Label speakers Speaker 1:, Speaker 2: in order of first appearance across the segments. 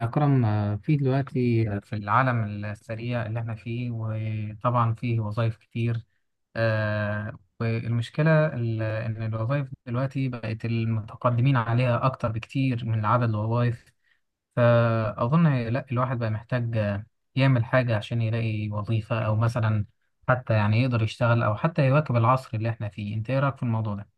Speaker 1: أكرم في دلوقتي في العالم السريع اللي احنا فيه، وطبعا فيه وظائف كتير. والمشكلة إن الوظائف دلوقتي بقت المتقدمين عليها أكتر بكتير من عدد الوظائف. فأظن لا، الواحد بقى محتاج يعمل حاجة عشان يلاقي وظيفة، أو مثلا حتى يعني يقدر يشتغل، أو حتى يواكب العصر اللي احنا فيه. أنت إيه رأيك في الموضوع ده؟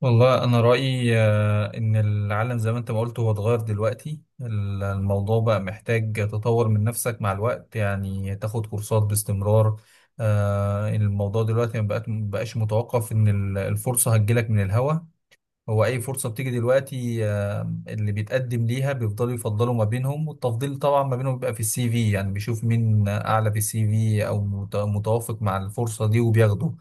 Speaker 2: والله أنا رأيي، إن العالم زي ما أنت ما قلت هو اتغير دلوقتي. الموضوع بقى محتاج تطور من نفسك مع الوقت، يعني تاخد كورسات باستمرار. الموضوع دلوقتي ما بقاش متوقف إن الفرصة هتجيلك من الهوا. هو أي فرصة بتيجي دلوقتي، اللي بيتقدم ليها بيفضلوا يفضلوا ما بينهم، والتفضيل طبعا ما بينهم بيبقى في السي في، يعني بيشوف مين أعلى في السي في أو متوافق مع الفرصة دي وبياخده.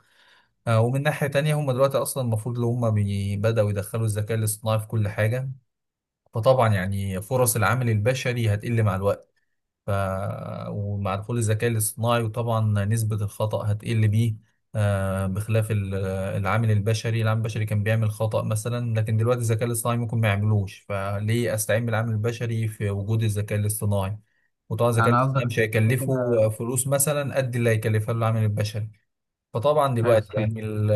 Speaker 2: ومن ناحية تانية هم دلوقتي أصلا المفروض اللي هم بدأوا يدخلوا الذكاء الاصطناعي في كل حاجة. فطبعا يعني فرص العامل البشري هتقل مع الوقت. ف... ومع دخول الذكاء الاصطناعي، وطبعا نسبة الخطأ هتقل بيه. بخلاف العامل البشري كان بيعمل خطأ مثلا، لكن دلوقتي الذكاء الاصطناعي ممكن ما يعملوش، فليه أستعين بالعامل البشري في وجود الذكاء الاصطناعي؟ وطبعا الذكاء
Speaker 1: يعني
Speaker 2: الاصطناعي
Speaker 1: قصدك
Speaker 2: مش
Speaker 1: كده؟
Speaker 2: هيكلفه فلوس مثلا قد اللي هيكلفها له العامل البشري. فطبعا
Speaker 1: أيوه
Speaker 2: دلوقتي
Speaker 1: صحيح.
Speaker 2: يعني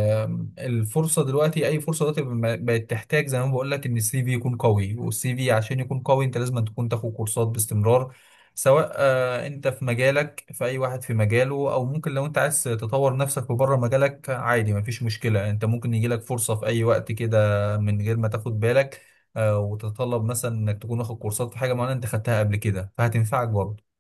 Speaker 2: الفرصه دلوقتي اي فرصه دلوقتي بقت تحتاج، زي ما بقول لك، ان السي في يكون قوي، والسي في عشان يكون قوي انت لازم تكون تاخد كورسات باستمرار، سواء انت في مجالك، في اي واحد في مجاله. او ممكن لو انت عايز تطور نفسك في بره مجالك، عادي مفيش مشكله، انت ممكن يجيلك فرصه في اي وقت كده من غير ما تاخد بالك. وتتطلب مثلا انك تكون واخد كورسات في حاجه معينه انت خدتها قبل كده، فهتنفعك برضه.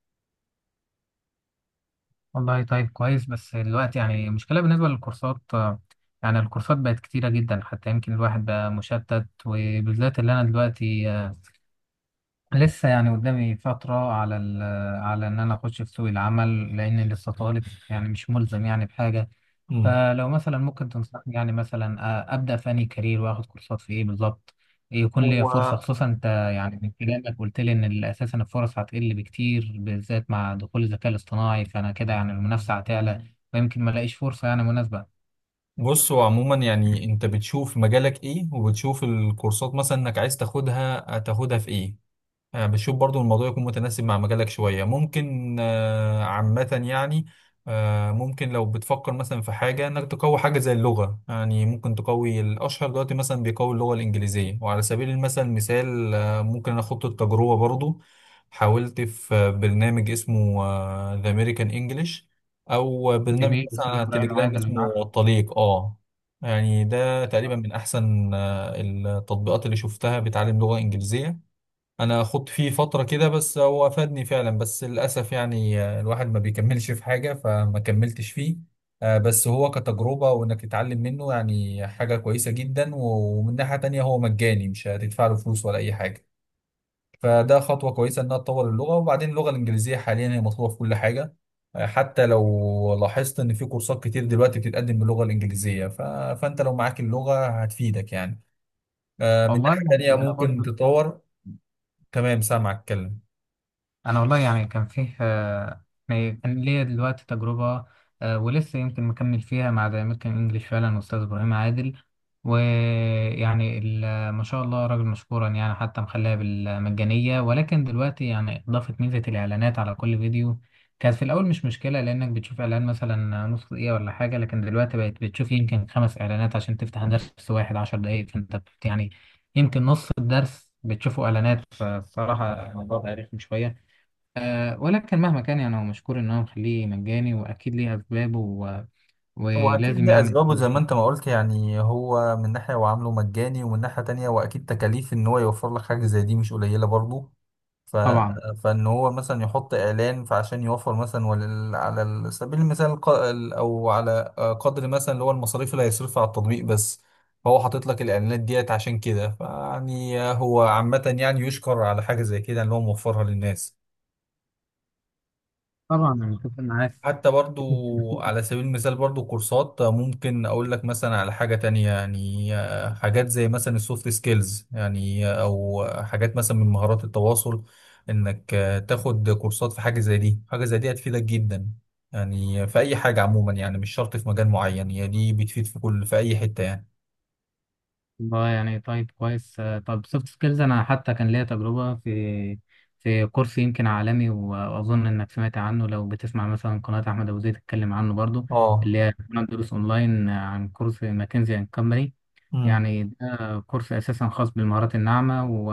Speaker 1: والله طيب كويس، بس دلوقتي يعني المشكلة بالنسبة للكورسات، يعني الكورسات بقت كتيرة جدا، حتى يمكن الواحد بقى مشتت، وبالذات اللي أنا دلوقتي لسه يعني قدامي فترة على على إن أنا أخش في سوق العمل، لأني لسه طالب، يعني مش ملزم يعني بحاجة.
Speaker 2: مم.
Speaker 1: فلو مثلا ممكن تنصحني يعني مثلا ابدا في انهي كارير، واخد كورسات في ايه بالظبط يكون ليا فرصه،
Speaker 2: هو
Speaker 1: خصوصا انت يعني من كلامك قلت لي ان اساسا الفرص هتقل بكتير، بالذات مع دخول الذكاء الاصطناعي، فانا كده يعني المنافسه هتعلى، ويمكن ما الاقيش فرصه يعني مناسبه.
Speaker 2: بص، هو عموما يعني انت بتشوف مجالك ايه وبتشوف الكورسات مثلا انك عايز تاخدها هتاخدها في ايه. بتشوف برضو الموضوع يكون متناسب مع مجالك شوية ممكن. عامة يعني ممكن لو بتفكر مثلا في حاجة انك تقوي حاجة زي اللغة، يعني ممكن تقوي. الأشهر دلوقتي مثلا بيقوي اللغة الإنجليزية، وعلى سبيل مثال ممكن أنا أخد التجربة برضو. حاولت في برنامج اسمه The American English، أو برنامج
Speaker 1: جميل،
Speaker 2: مثلا
Speaker 1: استاذ
Speaker 2: على
Speaker 1: ابراهيم
Speaker 2: تليجرام
Speaker 1: عادل انا
Speaker 2: اسمه
Speaker 1: عارف.
Speaker 2: الطليق. اه يعني ده تقريبا من أحسن التطبيقات اللي شفتها بتعلم لغة إنجليزية. انا خدت فيه فترة كده، بس هو افادني فعلا، بس للاسف يعني الواحد ما بيكملش في حاجة، فما كملتش فيه. بس هو كتجربة وانك تتعلم منه يعني حاجة كويسة جدا. ومن ناحية تانية هو مجاني، مش هتدفع له فلوس ولا اي حاجة، فده خطوة كويسة انها تطور اللغة. وبعدين اللغة الانجليزية حاليا هي مطلوبة في كل حاجة. حتى لو لاحظت ان في كورسات كتير دلوقتي بتتقدم باللغة الانجليزية. فانت لو معاك اللغة هتفيدك يعني. من
Speaker 1: والله
Speaker 2: ناحية تانية
Speaker 1: يعني انا
Speaker 2: ممكن
Speaker 1: برضو،
Speaker 2: تطور. تمام، سامعك اتكلم.
Speaker 1: انا والله يعني كان فيه يعني كان ليا دلوقتي تجربه ولسه يمكن مكمل فيها مع ذا امريكان انجلش، فعلا استاذ ابراهيم عادل ويعني ما شاء الله، راجل مشكورا يعني، حتى مخليها بالمجانيه، ولكن دلوقتي يعني اضافت ميزه الاعلانات على كل فيديو. كانت في الاول مش مشكله، لانك بتشوف اعلان مثلا نص دقيقه ولا حاجه، لكن دلوقتي بقت بتشوف يمكن خمس اعلانات عشان تفتح درس واحد عشر دقائق، يعني يمكن نص الدرس بتشوفوا اعلانات، فالصراحه الموضوع بقى رخم شويه. ولكن مهما كان يعني، هو مشكور إن هو مخليه مجاني، وأكيد ليه أسبابه
Speaker 2: هو أكيد
Speaker 1: ولازم
Speaker 2: ليه
Speaker 1: يعني
Speaker 2: أسبابه زي ما أنت ما قلت، يعني هو من ناحية هو عامله مجاني، ومن ناحية تانية وأكيد تكاليف إن هو يوفر لك حاجة زي دي مش قليلة برضه. ف...
Speaker 1: طبعا.
Speaker 2: فإن هو مثلا يحط إعلان فعشان يوفر مثلا، على سبيل المثال، أو على قدر مثلا اللي هو المصاريف اللي هيصرفها على التطبيق بس. فهو حاطط لك الإعلانات ديت عشان كده. فيعني هو عامة يعني يشكر على حاجة زي كده إن هو موفرها للناس.
Speaker 1: طبعا أنا متفق معاك.
Speaker 2: حتى برضو على سبيل المثال برضو كورسات ممكن اقول لك مثلا على حاجة تانية، يعني حاجات زي مثلا السوفت سكيلز، يعني او حاجات مثلا من مهارات التواصل، انك تاخد كورسات في حاجة زي دي، حاجة زي دي هتفيدك جدا. يعني في اي حاجة عموما يعني مش شرط في مجال معين، هي دي بتفيد في كل، في اي حتة يعني.
Speaker 1: والله يعني طيب كويس، طب سوفت سكيلز، أنا حتى كان ليا تجربة في في كورس يمكن عالمي، وأظن إنك سمعت عنه، لو بتسمع مثلا قناة أحمد أبو زيد تتكلم عنه برضو،
Speaker 2: اه.
Speaker 1: اللي هي قناة دروس أونلاين، عن كورس ماكنزي أند كومباني.
Speaker 2: امم.
Speaker 1: يعني ده كورس اساسا خاص بالمهارات الناعمه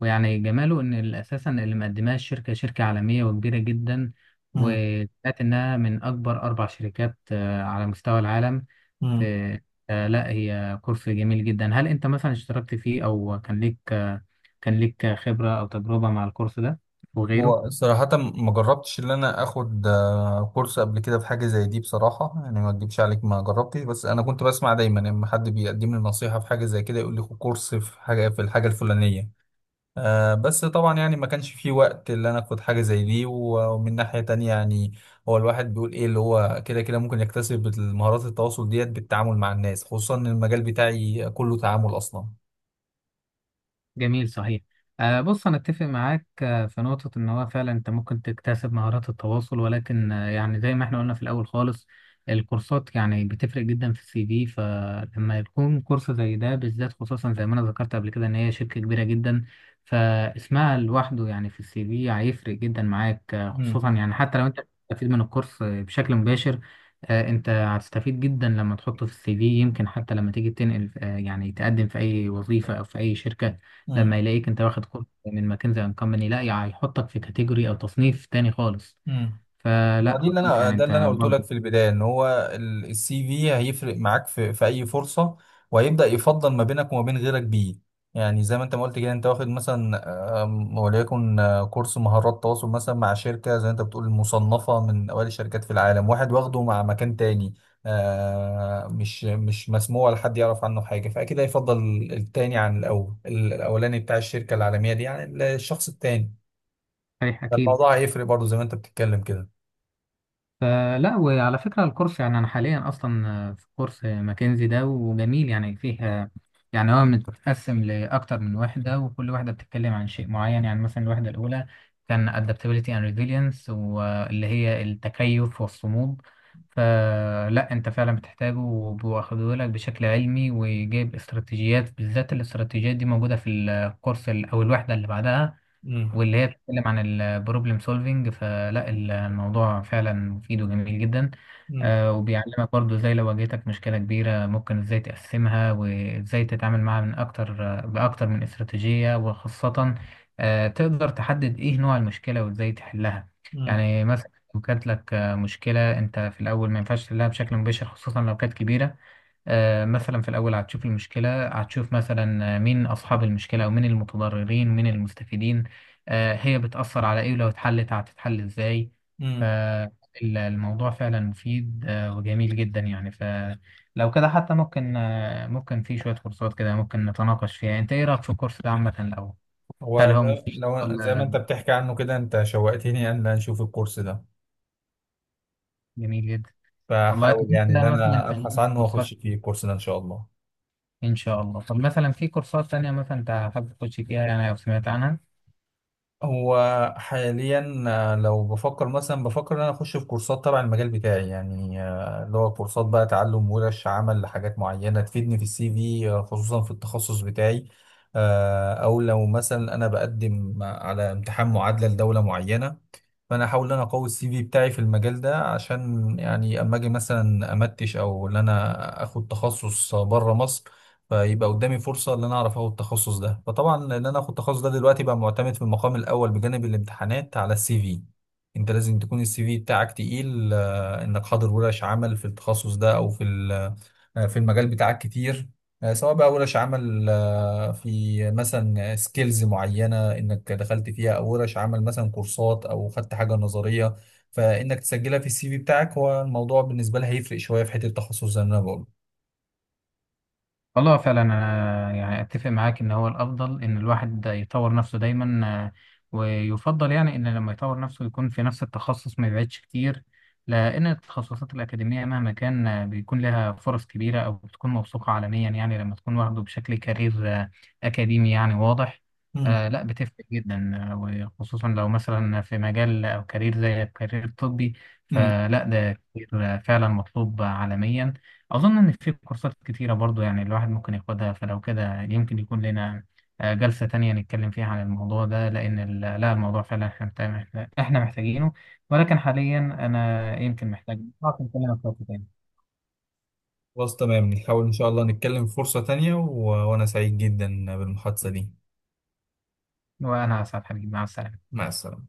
Speaker 1: ويعني جماله ان اساسا اللي مقدماه الشركه، شركه عالميه وكبيره جدا، وسمعت انها من اكبر اربع شركات على مستوى العالم
Speaker 2: امم.
Speaker 1: في لا، هي كورس جميل جدا. هل انت مثلا اشتركت فيه، او كان ليك كان ليك خبره او تجربه مع الكورس ده وغيره؟
Speaker 2: هو صراحة ما جربتش إن أنا آخد كورس قبل كده في حاجة زي دي، بصراحة يعني ما أكدبش عليك ما جربتش، بس أنا كنت بسمع دايما لما حد بيقدم لي نصيحة في حاجة زي كده يقول لي خد كورس في حاجة، في الحاجة الفلانية. بس طبعا يعني ما كانش في وقت اللي أنا آخد حاجة زي دي. ومن ناحية تانية يعني هو الواحد بيقول إيه اللي هو كده كده ممكن يكتسب مهارات التواصل ديت بالتعامل مع الناس، خصوصا إن المجال بتاعي كله تعامل أصلا.
Speaker 1: جميل صحيح. بص أنا أتفق معاك في نقطة إن هو فعلا أنت ممكن تكتسب مهارات التواصل، ولكن يعني زي ما إحنا قلنا في الأول خالص، الكورسات يعني بتفرق جدا في السي في. فلما يكون كورس زي ده بالذات، خصوصا زي ما أنا ذكرت قبل كده إن هي شركة كبيرة جدا، فاسمها لوحده يعني في السي في هيفرق جدا معاك،
Speaker 2: مم.
Speaker 1: خصوصا يعني حتى لو أنت بتستفيد من الكورس بشكل مباشر. انت هتستفيد جدا لما تحطه في السي في، يمكن حتى لما تيجي تنقل، يعني تقدم في اي وظيفة او في اي شركة،
Speaker 2: مم.
Speaker 1: لما يلاقيك انت واخد كورس من ماكنزي اند كومباني، لا يعني هيحطك في كاتيجوري او تصنيف تاني خالص.
Speaker 2: مم. هو
Speaker 1: فلا
Speaker 2: دي اللي
Speaker 1: اظن
Speaker 2: انا
Speaker 1: يعني
Speaker 2: ده اللي انا
Speaker 1: انت
Speaker 2: قلت لك
Speaker 1: برضه.
Speaker 2: في البدايه، ان هو السي في هيفرق معاك في اي فرصه، وهيبدا يفضل ما بينك وما بين غيرك بيه. يعني زي ما انت ما قلت كده، انت واخد مثلا، وليكن كورس مهارات تواصل مثلا مع شركه زي انت بتقول مصنفه من اوائل الشركات في العالم، واحد واخده مع مكان تاني مش مسموع ولا حد يعرف عنه حاجه، فاكيد هيفضل التاني عن الاولاني بتاع الشركه العالميه دي، يعني الشخص التاني.
Speaker 1: صحيح اكيد.
Speaker 2: فالموضوع هيفرق برضه زي ما انت بتتكلم كده.
Speaker 1: فلا، وعلى فكرة الكورس، يعني أنا حاليا أصلا في كورس ماكنزي ده، وجميل يعني فيها. يعني هو متقسم لأكتر من وحدة، وكل وحدة بتتكلم عن شيء معين، يعني مثلا الوحدة الأولى كان adaptability and resilience، واللي هي التكيف والصمود. فلا أنت فعلا بتحتاجه، وبياخدوه لك بشكل علمي، وجايب استراتيجيات، بالذات الاستراتيجيات دي موجودة في الكورس أو الوحدة اللي بعدها، واللي هي بتتكلم عن البروبلم سولفينج. فلا الموضوع فعلا مفيد وجميل جدا.
Speaker 2: امم.
Speaker 1: وبيعلمك برضو ازاي لو واجهتك مشكلة كبيرة، ممكن ازاي تقسمها وازاي تتعامل معاها من اكتر، بأكتر من استراتيجية. وخاصة تقدر تحدد ايه نوع المشكلة وازاي تحلها.
Speaker 2: امم.
Speaker 1: يعني مثلا لو كانت لك مشكلة، انت في الاول ما ينفعش تحلها بشكل مباشر، خصوصا لو كانت كبيرة. مثلا في الأول هتشوف المشكلة، هتشوف مثلا مين أصحاب المشكلة، ومين المتضررين، ومين المستفيدين، هي بتأثر على إيه، ولو اتحلت هتتحل إزاي.
Speaker 2: امم.
Speaker 1: فالموضوع فعلا مفيد وجميل جدا يعني. فلو كده حتى ممكن ممكن في شوية كورسات كده ممكن نتناقش فيها. أنت إيه رأيك في الكورس ده عامة الأول؟ هل
Speaker 2: هو
Speaker 1: هو
Speaker 2: ده
Speaker 1: مفيد،
Speaker 2: لو زي ما
Speaker 1: ولا
Speaker 2: انت بتحكي عنه كده انت شوقتني ان انا اشوف الكورس ده.
Speaker 1: جميل جدا؟ والله، طب
Speaker 2: فحاول
Speaker 1: أنت
Speaker 2: يعني ان
Speaker 1: مثلا
Speaker 2: انا ابحث
Speaker 1: في
Speaker 2: عنه
Speaker 1: كورسات،
Speaker 2: واخش فيه الكورس ده ان شاء الله.
Speaker 1: إن شاء الله، طب مثلا في كورسات تانية مثلا أنت حابب تخش فيها يعني لو سمعت عنها؟
Speaker 2: هو حاليا لو بفكر ان انا اخش في كورسات تبع المجال بتاعي، يعني اللي هو كورسات بقى تعلم ورش عمل لحاجات معينة تفيدني في السي في. خصوصا في التخصص بتاعي. او لو مثلا انا بقدم على امتحان معادلة لدولة معينة، فانا احاول ان انا اقوي السي في بتاعي في المجال ده، عشان يعني اما اجي مثلا امتش او ان انا اخد تخصص بره مصر، فيبقى قدامي فرصه ان انا اعرف اخد التخصص ده. فطبعا ان انا اخد التخصص ده دلوقتي بقى معتمد في المقام الاول بجانب الامتحانات على السي في. انت لازم تكون السي في بتاعك تقيل، انك حاضر ورش عمل في التخصص ده او في ال في المجال بتاعك كتير. سواء بقى ورش عمل في مثلا سكيلز معينة انك دخلت فيها، او ورش عمل مثلا كورسات او خدت حاجة نظرية، فانك تسجلها في السي في بتاعك. هو الموضوع بالنسبة لها هيفرق شوية في حتة التخصص زي ما انا بقول.
Speaker 1: والله فعلا انا يعني اتفق معاك ان هو الافضل ان الواحد يطور نفسه دايما. ويفضل يعني ان لما يطور نفسه يكون في نفس التخصص، ما يبعدش كتير، لان التخصصات الاكاديميه مهما كان بيكون لها فرص كبيره، او بتكون موثوقه عالميا، يعني لما تكون واخده بشكل كارير آه، اكاديمي يعني واضح.
Speaker 2: مم.
Speaker 1: لا بتفرق جدا، وخصوصا لو مثلا في مجال او كارير زي الكارير الطبي،
Speaker 2: مم.
Speaker 1: فلا ده كتير فعلا مطلوب عالميا. أظن إن في كورسات كتيرة برضو يعني الواحد ممكن ياخدها، فلو كده يمكن يكون لنا جلسة تانية نتكلم فيها عن الموضوع ده، لأن لا، الموضوع فعلا إحنا إحنا محتاجينه. ولكن حاليا أنا يمكن محتاج، ممكن أكلمك في وقت تاني.
Speaker 2: خلاص تمام، نحاول ان شاء الله نتكلم في فرصة تانية. وانا سعيد جدا بالمحادثة دي.
Speaker 1: وأنا أسعد حبيبي، مع السلامة.
Speaker 2: مع السلامة.